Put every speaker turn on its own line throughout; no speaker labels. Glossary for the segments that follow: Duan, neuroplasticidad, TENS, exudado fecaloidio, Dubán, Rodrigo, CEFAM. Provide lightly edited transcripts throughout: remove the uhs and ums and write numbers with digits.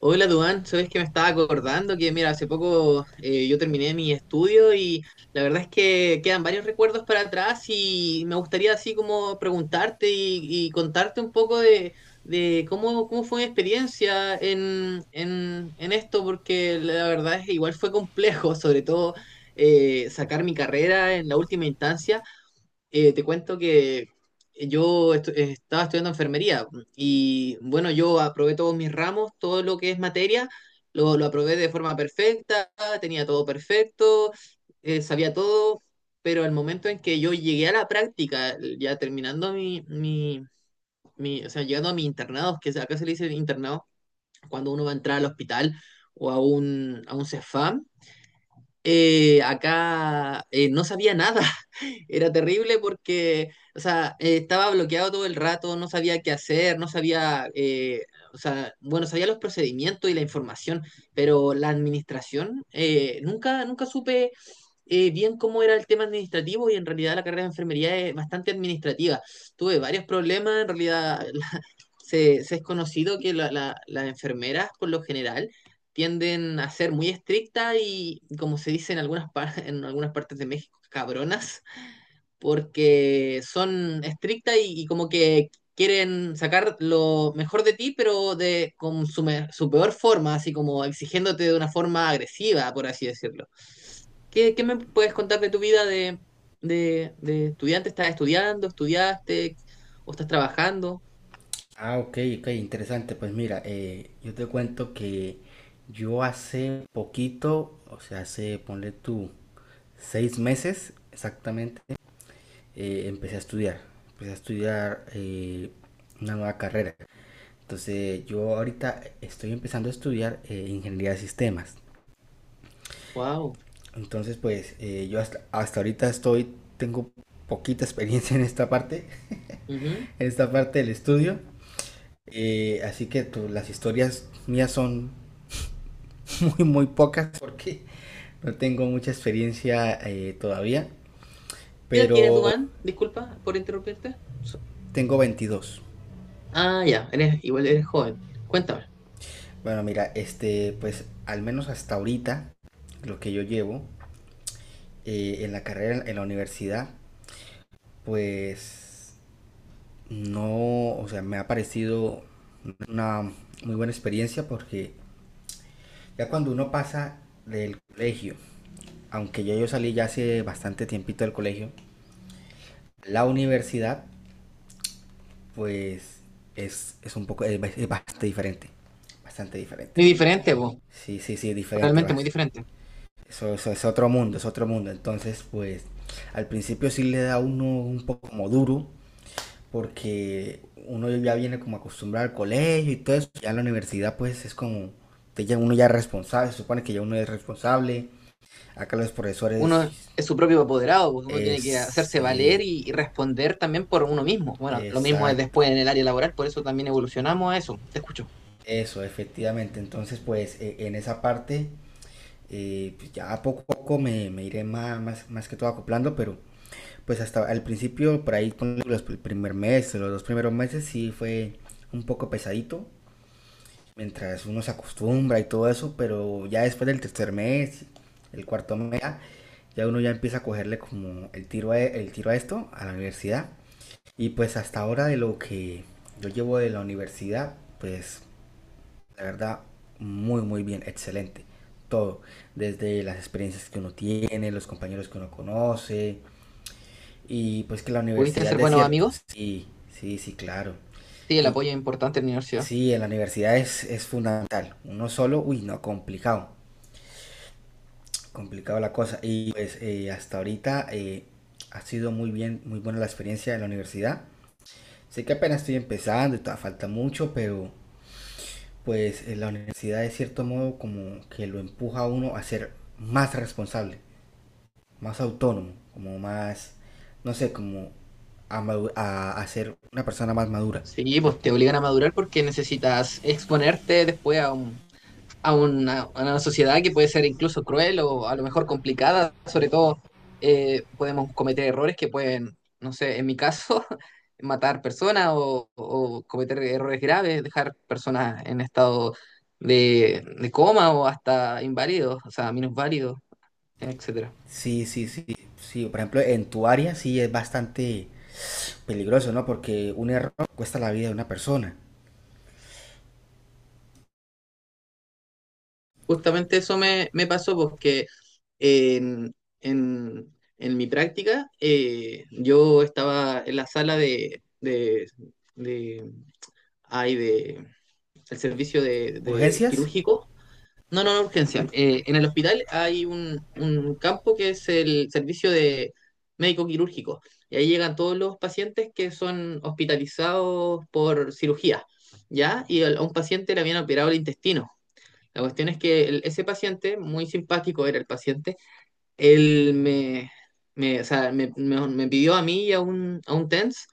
Hola, Duan. Sabes que me estaba acordando que, mira, hace poco yo terminé mi estudio y la verdad es que quedan varios recuerdos para atrás y me gustaría así como preguntarte y contarte un poco de cómo, cómo fue mi experiencia en esto, porque la verdad es que igual fue complejo, sobre todo sacar mi carrera en la última instancia. Te cuento que estaba estudiando enfermería y bueno, yo aprobé todos mis ramos, todo lo que es materia, lo aprobé de forma perfecta, tenía todo perfecto, sabía todo, pero al momento en que yo llegué a la práctica, ya terminando mi o sea, llegando a mi internado, que acá se le dice internado, cuando uno va a entrar al hospital o a un CEFAM, acá no sabía nada. Era terrible porque, o sea, estaba bloqueado todo el rato, no sabía qué hacer, no sabía, o sea, bueno, sabía los procedimientos y la información, pero la administración, nunca supe bien cómo era el tema administrativo y en realidad la carrera de enfermería es bastante administrativa. Tuve varios problemas, en realidad, se es conocido que las enfermeras por lo general tienden a ser muy estrictas y, como se dice en en algunas partes de México, cabronas, porque son estrictas y como que quieren sacar lo mejor de ti, pero con su peor forma, así como exigiéndote de una forma agresiva, por así decirlo. ¿Qué me puedes contar de tu vida de estudiante? ¿Estás estudiando? ¿Estudiaste? ¿O estás trabajando?
Ah, ok, ok, interesante. Pues mira, yo te cuento que yo hace poquito, o sea, hace, ponle tú, 6 meses exactamente, empecé a estudiar. Empecé a estudiar una nueva carrera. Entonces, yo ahorita estoy empezando a estudiar ingeniería de sistemas.
Wow.
Entonces, pues yo hasta ahorita estoy, tengo poquita experiencia
¿Qué
en esta parte del estudio. Así que las historias mías son muy, muy pocas porque no tengo mucha experiencia todavía,
edad tienes,
pero
Dubán? Disculpa por interrumpirte.
tengo 22.
Ah, ya, eres, igual eres joven. Cuéntame.
Bueno, mira, este, pues al menos hasta ahorita, lo que yo llevo en la carrera, en la universidad, pues no, o sea, me ha parecido una muy buena experiencia porque ya cuando uno pasa del colegio, aunque ya yo salí ya hace bastante tiempito del colegio, la universidad pues es un poco, es bastante diferente. Bastante diferente.
Muy diferente, vos.
Sí, sí, sí, es diferente,
Realmente muy
basta.
diferente.
Eso es otro mundo, es otro mundo. Entonces, pues al principio sí le da a uno un poco como duro, porque uno ya viene como acostumbrado al colegio y todo eso. Ya en la universidad, pues es como, ya uno ya es responsable, se supone que ya uno es responsable. Acá los profesores,
Uno es su propio apoderado, pues uno
es,
tiene que hacerse valer
sí,
y responder también por uno mismo. Bueno, lo mismo es
exacto.
después en el área laboral, por eso también evolucionamos a eso. Te escucho.
Eso, efectivamente. Entonces, pues en esa parte pues ya poco a poco me iré más, más, más, que todo acoplando, pero pues hasta al principio, por ahí con el primer mes, los dos primeros meses sí fue un poco pesadito, mientras uno se acostumbra y todo eso, pero ya después del tercer mes, el cuarto mes, ya ya uno ya empieza a cogerle como el tiro el tiro a esto, a la universidad. Y pues hasta ahora de lo que yo llevo de la universidad, pues de verdad, muy, muy bien, excelente. Todo, desde las experiencias que uno tiene, los compañeros que uno conoce, y pues que la
¿Pudiste
universidad
hacer
de
buenos
cierto,
amigos?
sí, sí, sí, claro.
Sí, el
Y
apoyo es importante en la universidad.
sí, en la universidad es fundamental. Uno solo, uy, no, complicado, complicado la cosa. Y pues hasta ahorita ha sido muy bien, muy buena la experiencia de la universidad. Sé que apenas estoy empezando y todavía falta mucho, pero pues la universidad de cierto modo como que lo empuja a uno a ser más responsable, más autónomo, como más, no sé, como a ser una persona más madura.
Sí,
¿No?
pues te obligan a madurar porque necesitas exponerte después a a una sociedad que puede ser incluso cruel o a lo mejor complicada, sobre todo podemos cometer errores que pueden, no sé, en mi caso, matar personas o cometer errores graves, dejar personas en estado de coma o hasta inválidos, o sea, minusválidos, etcétera.
Sí, sí, sí, sí. Por ejemplo, en tu área sí es bastante peligroso, ¿no? Porque un error cuesta la vida de una persona.
Justamente eso me pasó porque en, en mi práctica yo estaba en la sala hay de el servicio de
¿Urgencias?
quirúrgico, no, no, no, urgencia. En el hospital hay un campo que es el servicio de médico quirúrgico y ahí llegan todos los pacientes que son hospitalizados por cirugía, ¿ya? Y a un paciente le habían operado el intestino. La cuestión es que ese paciente, muy simpático era el paciente, él me, o sea, me pidió a mí y a un TENS,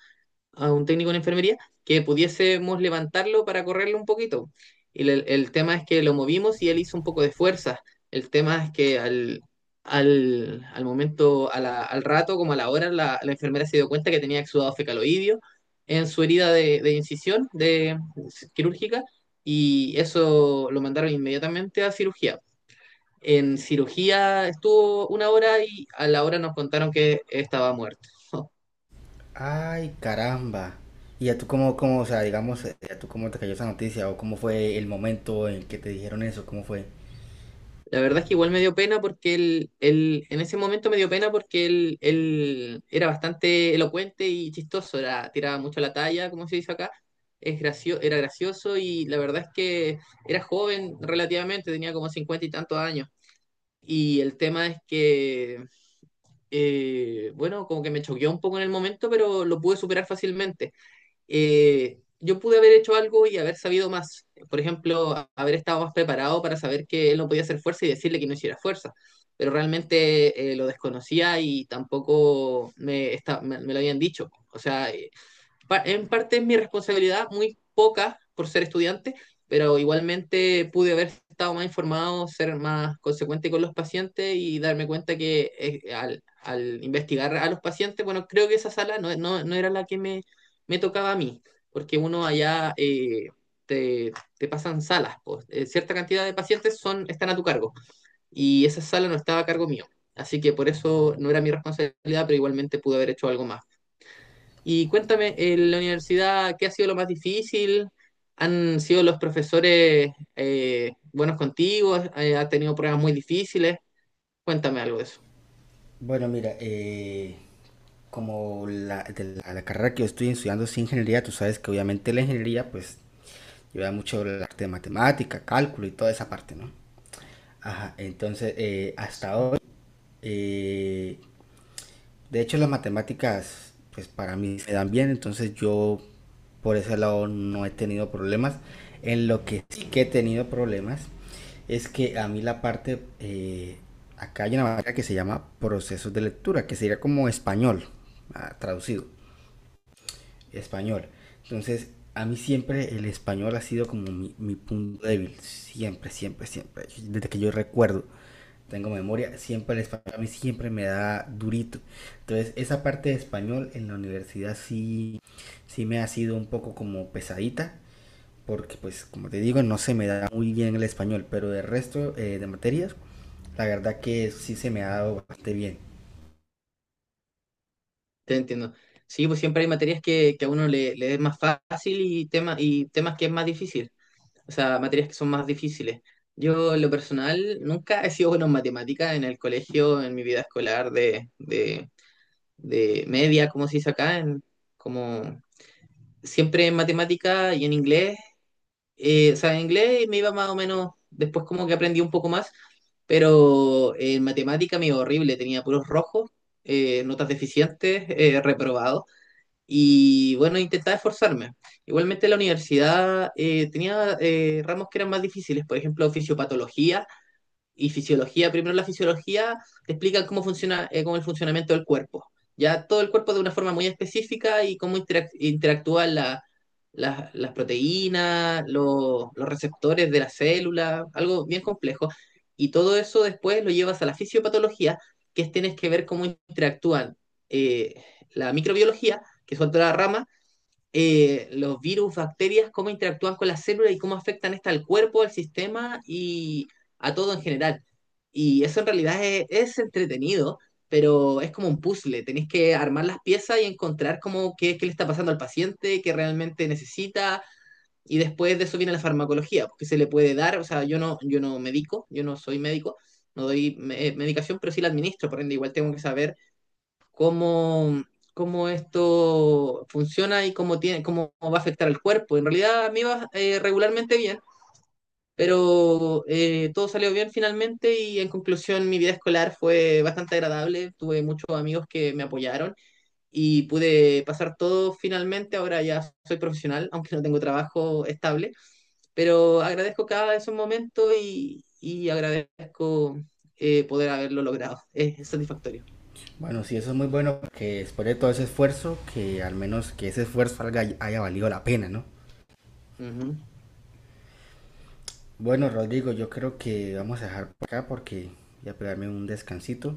a un técnico en enfermería, que pudiésemos levantarlo para correrlo un poquito. Y el tema es que lo movimos y él hizo un poco de fuerza. El tema es que al momento, a al rato, como a la hora, la enfermera se dio cuenta que tenía exudado fecaloidio en su herida de incisión, quirúrgica, y eso lo mandaron inmediatamente a cirugía. En cirugía estuvo una hora y a la hora nos contaron que estaba muerto.
Ay, caramba. ¿Y a tú o sea, digamos, a tú cómo te cayó esa noticia o cómo fue el momento en que te dijeron eso? ¿Cómo fue?
La verdad es que igual me dio pena porque él en ese momento me dio pena porque él era bastante elocuente y chistoso, era, tiraba mucho la talla, como se dice acá, es era gracioso y la verdad es que era joven relativamente, tenía como cincuenta y tantos años. Y el tema es que, bueno, como que me choqueó un poco en el momento, pero lo pude superar fácilmente. Yo pude haber hecho algo y haber sabido más. Por ejemplo, haber estado más preparado para saber que él no podía hacer fuerza y decirle que no hiciera fuerza. Pero realmente lo desconocía y tampoco me lo habían dicho. O sea, en parte es mi responsabilidad, muy poca por ser estudiante, pero igualmente pude haber estado más informado, ser más consecuente con los pacientes y darme cuenta que al investigar a los pacientes, bueno, creo que esa sala no, no, no era la que me tocaba a mí, porque uno allá te, te pasan salas, pues, cierta cantidad de pacientes son, están a tu cargo y esa sala no estaba a cargo mío. Así que por eso no era mi responsabilidad, pero igualmente pude haber hecho algo más. Y cuéntame, en la universidad, ¿qué ha sido lo más difícil? ¿Han sido los profesores buenos contigo? ¿Has tenido pruebas muy difíciles? Cuéntame algo de eso.
Bueno, mira, como de la carrera que yo estoy estudiando es ingeniería, tú sabes que obviamente la ingeniería pues lleva mucho el arte de matemática, cálculo y toda esa parte, ¿no? Ajá, entonces hasta hoy, eh, de hecho, las matemáticas, pues para mí se dan bien, entonces yo por ese lado no he tenido problemas. En lo que sí que he tenido problemas es que a mí la parte, acá hay una materia que se llama procesos de lectura, que sería como español, ah, traducido, español. Entonces, a mí siempre el español ha sido como mi punto débil, siempre, siempre, siempre, desde que yo recuerdo tengo memoria, siempre el español a mí siempre me da durito. Entonces, esa parte de español en la universidad sí, sí me ha sido un poco como pesadita, porque pues como te digo, no se me da muy bien el español, pero el resto de materias, la verdad que sí se me ha dado bastante bien.
Te entiendo. Sí, pues siempre hay materias que a uno le es más fácil y temas que es más difícil. O sea, materias que son más difíciles. Yo, en lo personal, nunca he sido bueno en matemáticas en el colegio, en mi vida escolar de media, como se dice acá, en, como siempre en matemática y en inglés, o sea, en inglés me iba más o menos, después como que aprendí un poco más, pero en matemática me iba horrible, tenía puros rojos, notas deficientes, reprobado, y bueno, intentaba esforzarme. Igualmente la universidad tenía ramos que eran más difíciles, por ejemplo, fisiopatología, y fisiología. Primero la fisiología te explica cómo funciona, cómo el funcionamiento del cuerpo. Ya todo el cuerpo de una forma muy específica y cómo interactúan las proteínas, los receptores de la célula, algo bien complejo. Y todo eso después lo llevas a la fisiopatología, que es tienes que ver cómo interactúan eh, la microbiología, que es otra rama, los virus, bacterias, cómo interactúan con las células y cómo afectan esta al cuerpo, al sistema y a todo en general. Y eso en realidad es entretenido, pero es como un puzzle. Tenéis que armar las piezas y encontrar cómo qué, qué le está pasando al paciente, qué realmente necesita. Y después de eso viene la farmacología, porque se le puede dar, o sea, yo no, yo no medico, yo no soy médico, no doy medicación, pero sí la administro, por ende igual tengo que saber cómo, cómo esto funciona y cómo, tiene, cómo va a afectar al cuerpo. En realidad a mí iba regularmente bien, pero todo salió bien finalmente y en conclusión mi vida escolar fue bastante agradable. Tuve muchos amigos que me apoyaron y pude pasar todo finalmente. Ahora ya soy profesional, aunque no tengo trabajo estable, pero agradezco cada esos momentos y agradezco poder haberlo logrado. Es satisfactorio.
Bueno, sí, eso es muy bueno, que después de todo ese esfuerzo, que al menos que ese esfuerzo salga haya valido la pena, ¿no?
Ujú.
Bueno, Rodrigo, yo creo que vamos a dejar por acá porque voy a pegarme un descansito.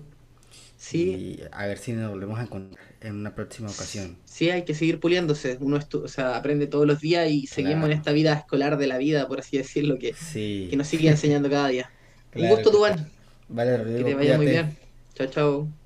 Sí,
Y a ver si nos volvemos a encontrar en una próxima ocasión.
sí hay que seguir puliéndose. Uno o sea, aprende todos los días y seguimos en
Claro,
esta vida escolar de la vida, por así decirlo,
sí.
que nos sigue enseñando cada día. Un
Claro,
gusto,
claro.
Duván.
Vale,
Que te
Rodrigo,
vaya muy
cuídate.
bien. Chao, chao.